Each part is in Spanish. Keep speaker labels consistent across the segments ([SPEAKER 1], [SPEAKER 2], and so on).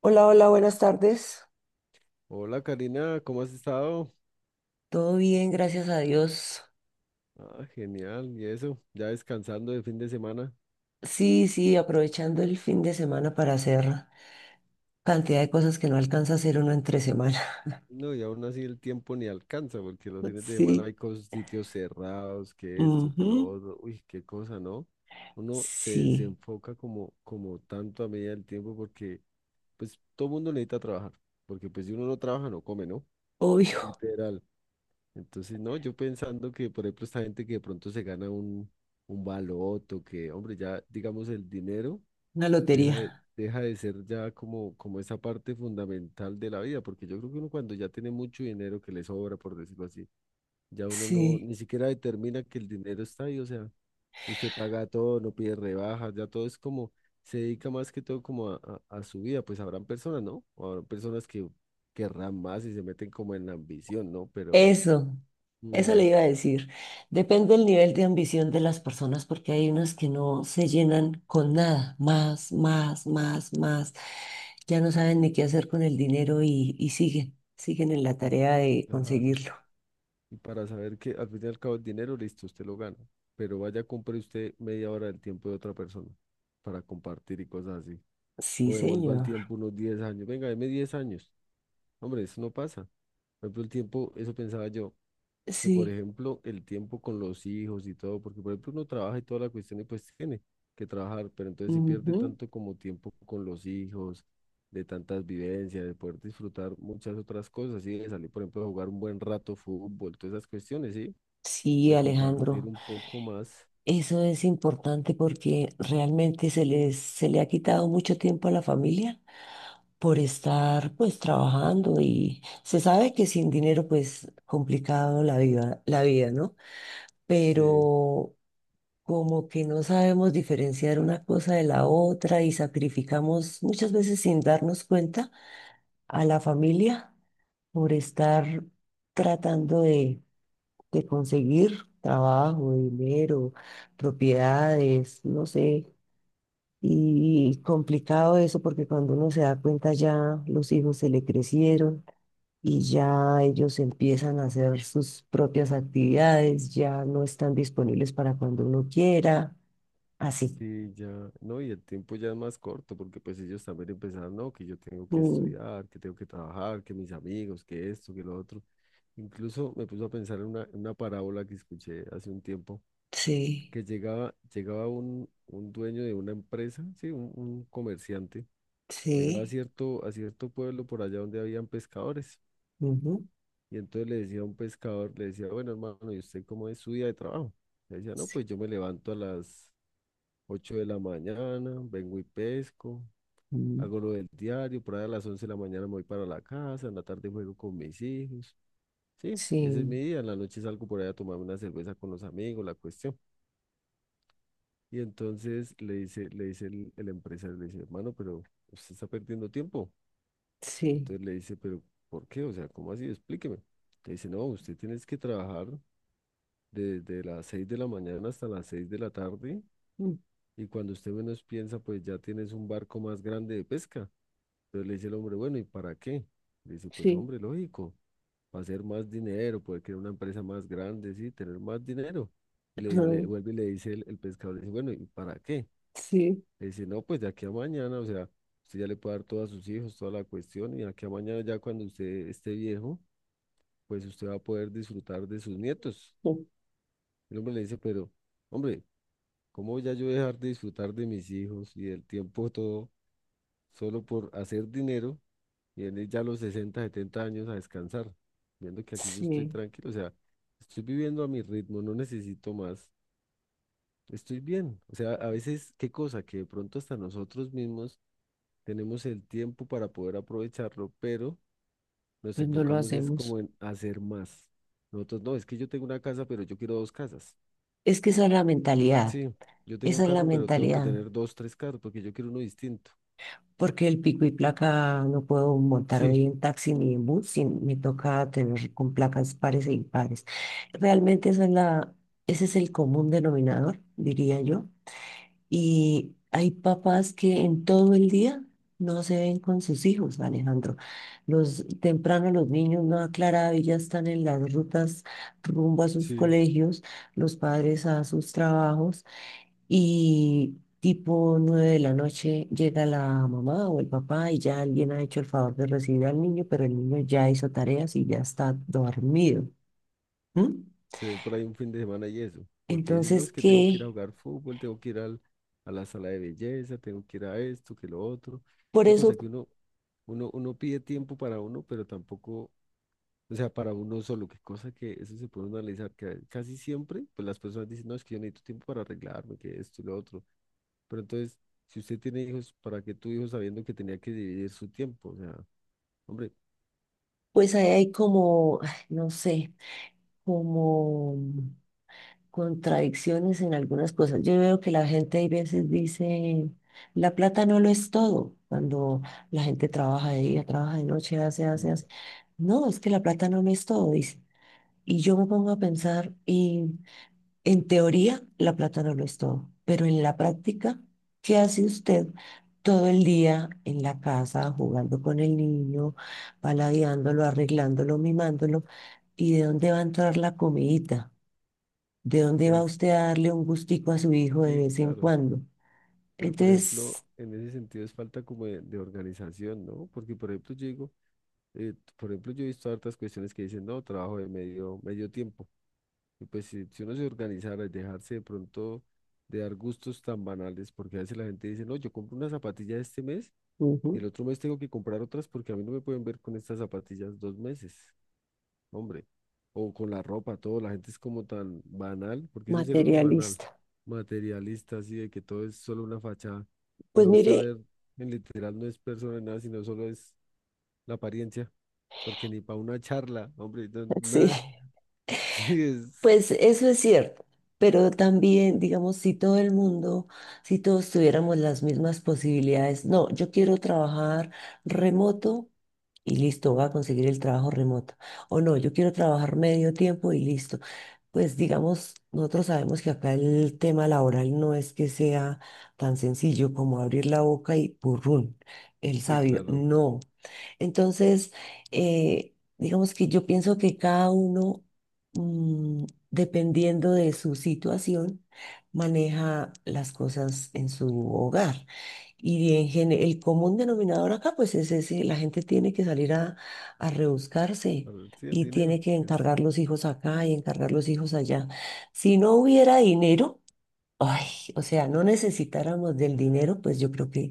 [SPEAKER 1] Hola, hola, buenas tardes.
[SPEAKER 2] Hola Karina, ¿cómo has estado?
[SPEAKER 1] Todo bien, gracias a Dios.
[SPEAKER 2] Ah, genial, y eso, ya descansando de fin de semana.
[SPEAKER 1] Sí, sí, aprovechando el fin de semana para hacer cantidad de cosas que no alcanza a hacer uno entre semana.
[SPEAKER 2] No, y aún así el tiempo ni alcanza, porque los fines de semana
[SPEAKER 1] Sí.
[SPEAKER 2] hay sitios cerrados, que esto, que lo
[SPEAKER 1] Ujú.
[SPEAKER 2] otro, uy, qué cosa, ¿no? Uno se
[SPEAKER 1] Sí,
[SPEAKER 2] desenfoca como tanto a medida del tiempo, porque pues todo mundo necesita trabajar, porque pues si uno no trabaja, no come, ¿no?
[SPEAKER 1] obvio.
[SPEAKER 2] Literal. Entonces, no, yo pensando que, por ejemplo, esta gente que de pronto se gana un baloto, que, hombre, ya digamos el dinero.
[SPEAKER 1] Una
[SPEAKER 2] deja de,
[SPEAKER 1] lotería.
[SPEAKER 2] deja de ser ya como, como esa parte fundamental de la vida, porque yo creo que uno cuando ya tiene mucho dinero que le sobra, por decirlo así, ya uno no,
[SPEAKER 1] Sí.
[SPEAKER 2] ni siquiera determina que el dinero está ahí, o sea, usted paga todo, no pide rebajas, ya todo es como, se dedica más que todo como a su vida, pues habrán personas, ¿no? O habrán personas que querrán más y se meten como en la ambición, ¿no? Pero,
[SPEAKER 1] Eso, eso
[SPEAKER 2] mm,
[SPEAKER 1] le iba a decir. Depende del nivel de ambición de las personas, porque hay unas que no se llenan con nada, más, más, más, más. Ya no saben ni qué hacer con el dinero y siguen, siguen en la
[SPEAKER 2] y-
[SPEAKER 1] tarea de
[SPEAKER 2] claro.
[SPEAKER 1] conseguirlo.
[SPEAKER 2] Y para saber que al fin y al cabo el dinero, listo, usted lo gana. Pero vaya, compre usted media hora del tiempo de otra persona para compartir y cosas así.
[SPEAKER 1] Sí,
[SPEAKER 2] O devuelva el
[SPEAKER 1] señor.
[SPEAKER 2] tiempo unos 10 años. Venga, deme 10 años. Hombre, eso no pasa. Por ejemplo, el tiempo, eso pensaba yo, que por
[SPEAKER 1] Sí.
[SPEAKER 2] ejemplo, el tiempo con los hijos y todo, porque por ejemplo uno trabaja y toda la cuestión y pues tiene que trabajar, pero entonces si pierde
[SPEAKER 1] Ujú.
[SPEAKER 2] tanto como tiempo con los hijos, de tantas vivencias, de poder disfrutar muchas otras cosas, y de salir, por ejemplo, a jugar un buen rato fútbol, todas esas cuestiones, ¿sí?
[SPEAKER 1] Sí,
[SPEAKER 2] de compartir
[SPEAKER 1] Alejandro.
[SPEAKER 2] un poco más.
[SPEAKER 1] Eso es importante porque realmente se le ha quitado mucho tiempo a la familia por estar pues trabajando y se sabe que sin dinero pues complicado la vida, ¿no?
[SPEAKER 2] Sí,
[SPEAKER 1] Pero como que no sabemos diferenciar una cosa de la otra y sacrificamos muchas veces sin darnos cuenta a la familia por estar tratando de conseguir trabajo, dinero, propiedades, no sé. Y complicado eso porque cuando uno se da cuenta ya los hijos se le crecieron y ya ellos empiezan a hacer sus propias actividades, ya no están disponibles para cuando uno quiera, así.
[SPEAKER 2] sí, ya, no, y el tiempo ya es más corto porque pues ellos también empezaron, no, que yo tengo que
[SPEAKER 1] Mm,
[SPEAKER 2] estudiar, que tengo que trabajar, que mis amigos, que esto, que lo otro. Incluso me puso a pensar en en una parábola que escuché hace un tiempo,
[SPEAKER 1] sí,
[SPEAKER 2] que llegaba un dueño de una empresa, sí, un comerciante, llegaba
[SPEAKER 1] sí.
[SPEAKER 2] a cierto pueblo por allá donde habían pescadores.
[SPEAKER 1] Ujú.
[SPEAKER 2] Y entonces le decía a un pescador, le decía, bueno, hermano, ¿y usted cómo es su día de trabajo? Le decía, no,
[SPEAKER 1] Sí.
[SPEAKER 2] pues yo me levanto a las 8 de la mañana, vengo y pesco,
[SPEAKER 1] Mm.
[SPEAKER 2] hago lo del diario, por ahí a las 11 de la mañana me voy para la casa, en la tarde juego con mis hijos. Sí, ese es
[SPEAKER 1] Sí,
[SPEAKER 2] mi día, en la noche salgo por ahí a tomarme una cerveza con los amigos, la cuestión. Y entonces le dice el empresario, le dice, hermano, pero usted está perdiendo tiempo.
[SPEAKER 1] sí.
[SPEAKER 2] Entonces le dice, pero ¿por qué? O sea, ¿cómo así? Explíqueme. Le dice, no, usted tiene que trabajar desde las 6 de la mañana hasta las 6 de la tarde,
[SPEAKER 1] Mm.
[SPEAKER 2] y cuando usted menos piensa, pues ya tienes un barco más grande de pesca. Entonces le dice el hombre, bueno, ¿y para qué? Le dice, pues
[SPEAKER 1] Sí,
[SPEAKER 2] hombre, lógico, para hacer más dinero, poder crear una empresa más grande, sí, tener más dinero. Y
[SPEAKER 1] ajá.
[SPEAKER 2] le vuelve y le dice el pescador, le dice, bueno, ¿y para qué?
[SPEAKER 1] Sí.
[SPEAKER 2] Le dice, no, pues de aquí a mañana, o sea, usted ya le puede dar todo a sus hijos, toda la cuestión, y de aquí a mañana ya cuando usted esté viejo, pues usted va a poder disfrutar de sus nietos.
[SPEAKER 1] Mm.
[SPEAKER 2] El hombre le dice, pero, hombre, ¿cómo voy a yo dejar de disfrutar de mis hijos y del tiempo todo solo por hacer dinero y venir ya a los 60-70 años a descansar? Viendo que aquí yo estoy
[SPEAKER 1] Sí,
[SPEAKER 2] tranquilo, o sea, estoy viviendo a mi ritmo, no necesito más, estoy bien. O sea, a veces, qué cosa, que de pronto hasta nosotros mismos tenemos el tiempo para poder aprovecharlo, pero nos
[SPEAKER 1] pues no lo
[SPEAKER 2] enfocamos es
[SPEAKER 1] hacemos.
[SPEAKER 2] como en hacer más. Nosotros, no, es que yo tengo una casa, pero yo quiero dos casas.
[SPEAKER 1] Es que esa es la mentalidad,
[SPEAKER 2] Sí, yo tengo un
[SPEAKER 1] esa es la
[SPEAKER 2] carro, pero tengo que
[SPEAKER 1] mentalidad.
[SPEAKER 2] tener dos, tres carros, porque yo quiero uno distinto.
[SPEAKER 1] Porque el pico y placa no puedo montar
[SPEAKER 2] Sí,
[SPEAKER 1] hoy en taxi ni en bus, me toca tener con placas pares e impares. Realmente ese es el común denominador, diría yo. Y hay papás que en todo el día no se ven con sus hijos, Alejandro. Los temprano los niños no aclarado y ya están en las rutas rumbo a sus
[SPEAKER 2] sí,
[SPEAKER 1] colegios, los padres a sus trabajos. Y tipo 9 de la noche llega la mamá o el papá y ya alguien ha hecho el favor de recibir al niño, pero el niño ya hizo tareas y ya está dormido. ¿M?
[SPEAKER 2] se ve por ahí un fin de semana y eso, porque dicen, no,
[SPEAKER 1] Entonces,
[SPEAKER 2] es que tengo que ir a
[SPEAKER 1] que
[SPEAKER 2] jugar fútbol, tengo que ir al- a la sala de belleza, tengo que ir a esto, que lo otro,
[SPEAKER 1] por
[SPEAKER 2] qué
[SPEAKER 1] eso,
[SPEAKER 2] cosa que uno pide tiempo para uno, pero tampoco, o sea, para uno solo, qué cosa que eso se puede uno analizar, que casi siempre, pues las personas dicen, no, es que yo necesito tiempo para arreglarme, que esto y lo otro, pero entonces, si usted tiene hijos, ¿para qué tuvo hijos sabiendo que tenía que dividir su tiempo? O sea, hombre,
[SPEAKER 1] pues ahí hay como, ay, no sé, como contradicciones en algunas cosas. Yo veo que la gente hay veces dice, la plata no lo es todo, cuando la gente trabaja de día, trabaja de noche, hace, hace,
[SPEAKER 2] mm,
[SPEAKER 1] hace. No, es que la plata no lo es todo, dice. Y yo me pongo a pensar, y en teoría la plata no lo es todo, pero en la práctica, ¿qué hace usted todo el día en la casa, jugando con el niño, paladeándolo, arreglándolo, mimándolo? ¿Y de dónde va a entrar la comidita? ¿De dónde va
[SPEAKER 2] es,
[SPEAKER 1] usted a darle un gustico a su hijo de
[SPEAKER 2] sí,
[SPEAKER 1] vez en
[SPEAKER 2] claro.
[SPEAKER 1] cuando?
[SPEAKER 2] Pero, por ejemplo,
[SPEAKER 1] Entonces,
[SPEAKER 2] en ese sentido es falta como de organización, ¿no? Porque, por ejemplo, yo digo, por ejemplo, yo he visto hartas cuestiones que dicen, no, trabajo de medio tiempo. Y pues si uno se organizara y dejarse de pronto de dar gustos tan banales, porque a veces la gente dice, no, yo compro una zapatilla este mes y
[SPEAKER 1] ujú,
[SPEAKER 2] el otro mes tengo que comprar otras porque a mí no me pueden ver con estas zapatillas 2 meses hombre. O con la ropa, todo. La gente es como tan banal, porque eso es ser uno banal,
[SPEAKER 1] materialista.
[SPEAKER 2] materialista, así de que todo es solo una fachada. Y
[SPEAKER 1] Pues
[SPEAKER 2] va usted a
[SPEAKER 1] mire,
[SPEAKER 2] ver, en literal no es persona ni nada, sino solo es la apariencia, porque ni para una charla, hombre,
[SPEAKER 1] sí.
[SPEAKER 2] nada. Sí,
[SPEAKER 1] Pues eso es cierto, pero también, digamos, si todos tuviéramos las mismas posibilidades, no, yo quiero trabajar remoto y listo, voy a conseguir el trabajo remoto. O no, yo quiero trabajar medio tiempo y listo. Pues digamos, nosotros sabemos que acá el tema laboral no es que sea tan sencillo como abrir la boca y purrún, el
[SPEAKER 2] sí,
[SPEAKER 1] sabio,
[SPEAKER 2] claro.
[SPEAKER 1] no. Entonces, digamos que yo pienso que cada uno mm, dependiendo de su situación, maneja las cosas en su hogar. Y en el común denominador acá, pues es ese, la gente tiene que salir a rebuscarse
[SPEAKER 2] Claro, sí, el
[SPEAKER 1] y
[SPEAKER 2] dinero,
[SPEAKER 1] tiene que
[SPEAKER 2] que es,
[SPEAKER 1] encargar los hijos acá y encargar los hijos allá. Si no hubiera dinero, ay, o sea, no necesitáramos del dinero, pues yo creo que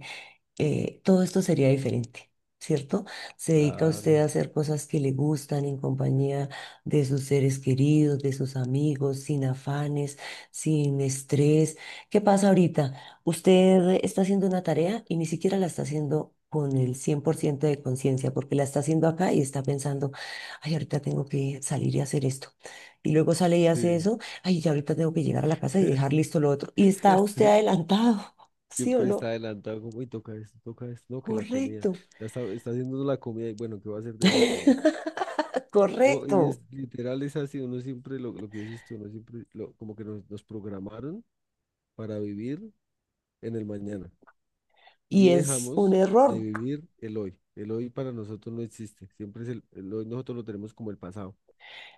[SPEAKER 1] todo esto sería diferente, ¿cierto? Se dedica usted a
[SPEAKER 2] claro,
[SPEAKER 1] hacer cosas que le gustan en compañía de sus seres queridos, de sus amigos, sin afanes, sin estrés. ¿Qué pasa ahorita? Usted está haciendo una tarea y ni siquiera la está haciendo con el 100% de conciencia, porque la está haciendo acá y está pensando, ay, ahorita tengo que salir y hacer esto. Y luego sale y hace
[SPEAKER 2] sí.
[SPEAKER 1] eso, ay, ya ahorita tengo que llegar a la casa y dejar listo lo otro. Y está usted
[SPEAKER 2] Sí,
[SPEAKER 1] adelantado, ¿sí o
[SPEAKER 2] siempre está
[SPEAKER 1] no?
[SPEAKER 2] adelantado, como, y toca esto, no, que la comida.
[SPEAKER 1] Correcto.
[SPEAKER 2] Ya está haciendo la comida y bueno, ¿qué va a hacer de desayuno? No, y es
[SPEAKER 1] Correcto.
[SPEAKER 2] literal, es así, uno siempre, lo que dices tú, uno siempre, como que nos programaron para vivir en el mañana y
[SPEAKER 1] Y es un
[SPEAKER 2] dejamos de
[SPEAKER 1] error.
[SPEAKER 2] vivir el hoy. El hoy para nosotros no existe, siempre es el hoy nosotros lo tenemos como el pasado,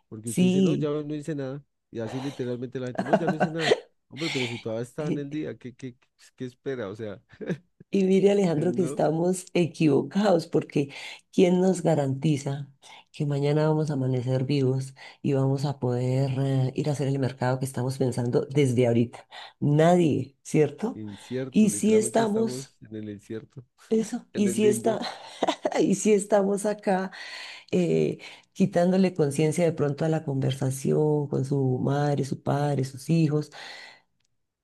[SPEAKER 2] porque usted dice, no, ya
[SPEAKER 1] Sí.
[SPEAKER 2] hoy no hice nada, y así literalmente la gente, no, ya no hice nada. Hombre, pero si todavía está en el día, qué espera? O sea,
[SPEAKER 1] Y mire, Alejandro, que
[SPEAKER 2] no,
[SPEAKER 1] estamos equivocados porque ¿quién nos garantiza que mañana vamos a amanecer vivos y vamos a poder ir a hacer el mercado que estamos pensando desde ahorita? Nadie, ¿cierto?
[SPEAKER 2] incierto,
[SPEAKER 1] Y si
[SPEAKER 2] literalmente
[SPEAKER 1] estamos,
[SPEAKER 2] estamos en el incierto,
[SPEAKER 1] eso,
[SPEAKER 2] en
[SPEAKER 1] y
[SPEAKER 2] el
[SPEAKER 1] si está,
[SPEAKER 2] limbo.
[SPEAKER 1] y si estamos acá eh, quitándole conciencia de pronto a la conversación con su madre, su padre, sus hijos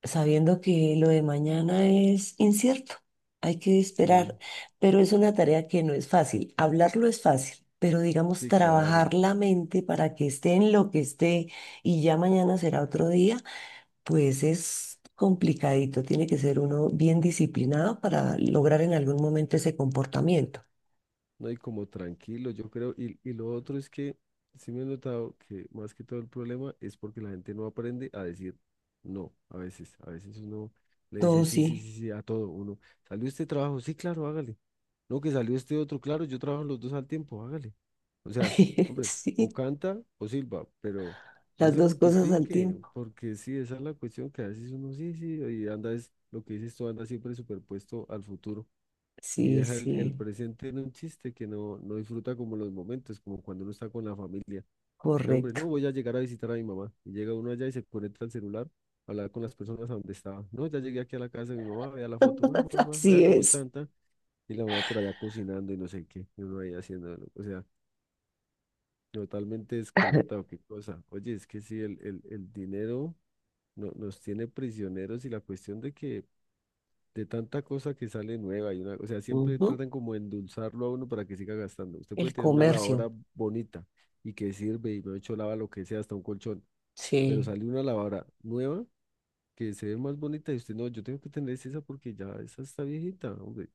[SPEAKER 1] sabiendo que lo de mañana es incierto, hay que
[SPEAKER 2] Sí,
[SPEAKER 1] esperar, pero es una tarea que no es fácil. Hablarlo es fácil, pero digamos
[SPEAKER 2] sí, claro.
[SPEAKER 1] trabajar la mente para que esté en lo que esté y ya mañana será otro día, pues es complicadito. Tiene que ser uno bien disciplinado para lograr en algún momento ese comportamiento.
[SPEAKER 2] No, y como tranquilo, yo creo. Y lo otro es que sí me he notado que más que todo el problema es porque la gente no aprende a decir no. A veces uno le dice
[SPEAKER 1] Todo
[SPEAKER 2] sí, sí,
[SPEAKER 1] sí,
[SPEAKER 2] sí, sí a todo. Uno, ¿salió este trabajo? Sí, claro, hágale. No, que salió este otro, claro, yo trabajo los dos al tiempo, hágale. O sea, hombre, o
[SPEAKER 1] sí,
[SPEAKER 2] canta o silba, pero no
[SPEAKER 1] las
[SPEAKER 2] se
[SPEAKER 1] dos cosas al
[SPEAKER 2] multiplique,
[SPEAKER 1] tiempo.
[SPEAKER 2] porque sí, esa es la cuestión que a veces uno sí, sí, y anda es lo que dices tú, anda siempre superpuesto al futuro y
[SPEAKER 1] Sí,
[SPEAKER 2] deja el
[SPEAKER 1] sí,
[SPEAKER 2] presente en un chiste que no, no disfruta como los momentos, como cuando uno está con la familia. De hombre, no
[SPEAKER 1] correcto.
[SPEAKER 2] voy a llegar a visitar a mi mamá. Y llega uno allá y se conecta al celular, a hablar con las personas a donde estaba. No, ya llegué aquí a la casa de mi mamá, vea la foto, mamá, mamá,
[SPEAKER 1] Así
[SPEAKER 2] vea cómo
[SPEAKER 1] es.
[SPEAKER 2] están, ta". Y la mamá por allá cocinando y no sé qué, y uno ahí haciendo, ¿no? o sea, totalmente desconectado, qué cosa. Oye, es que sí, el dinero no, nos tiene prisioneros y la cuestión de que de tanta cosa que sale nueva y una, o sea, siempre
[SPEAKER 1] Ujú.
[SPEAKER 2] tratan como de endulzarlo a uno para que siga gastando. Usted puede
[SPEAKER 1] El
[SPEAKER 2] tener una lavadora
[SPEAKER 1] comercio.
[SPEAKER 2] bonita y que sirve y me ha hecho lava lo que sea, hasta un colchón, pero
[SPEAKER 1] Sí,
[SPEAKER 2] sale una lavadora nueva que se ve más bonita y usted no, yo tengo que tener esa porque ya esa está viejita, hombre.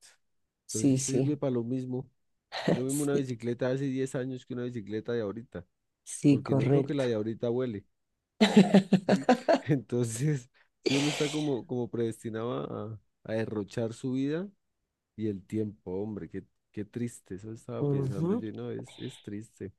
[SPEAKER 2] Pero
[SPEAKER 1] sí,
[SPEAKER 2] si
[SPEAKER 1] sí.
[SPEAKER 2] sirve para lo mismo, es lo mismo una
[SPEAKER 1] Sí,
[SPEAKER 2] bicicleta de hace 10 años que una bicicleta de ahorita,
[SPEAKER 1] sí,
[SPEAKER 2] porque no creo que
[SPEAKER 1] correcto.
[SPEAKER 2] la de ahorita huele. ¿Sí? Entonces, si uno está como, como predestinado a derrochar su vida, y el tiempo, hombre, qué triste, eso estaba pensando
[SPEAKER 1] Ujú.
[SPEAKER 2] yo, no, es triste.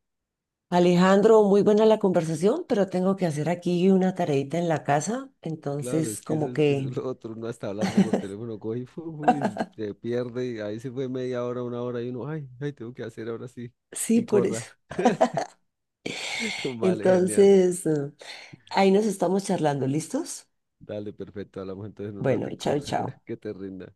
[SPEAKER 1] Alejandro, muy buena la conversación, pero tengo que hacer aquí una tareita en la casa,
[SPEAKER 2] Claro,
[SPEAKER 1] entonces
[SPEAKER 2] es que
[SPEAKER 1] como
[SPEAKER 2] eso
[SPEAKER 1] que
[SPEAKER 2] es lo otro, uno está hablando por teléfono, coge y, fu, y se pierde, y ahí se fue media hora, una hora, y uno, ay, ay, tengo que hacer ahora sí,
[SPEAKER 1] sí,
[SPEAKER 2] y
[SPEAKER 1] por eso.
[SPEAKER 2] corra. Vale, genial.
[SPEAKER 1] Entonces, ahí nos estamos charlando, ¿listos?
[SPEAKER 2] Dale, perfecto, hablamos entonces en un
[SPEAKER 1] Bueno,
[SPEAKER 2] ratico,
[SPEAKER 1] chao, chao.
[SPEAKER 2] que te rinda.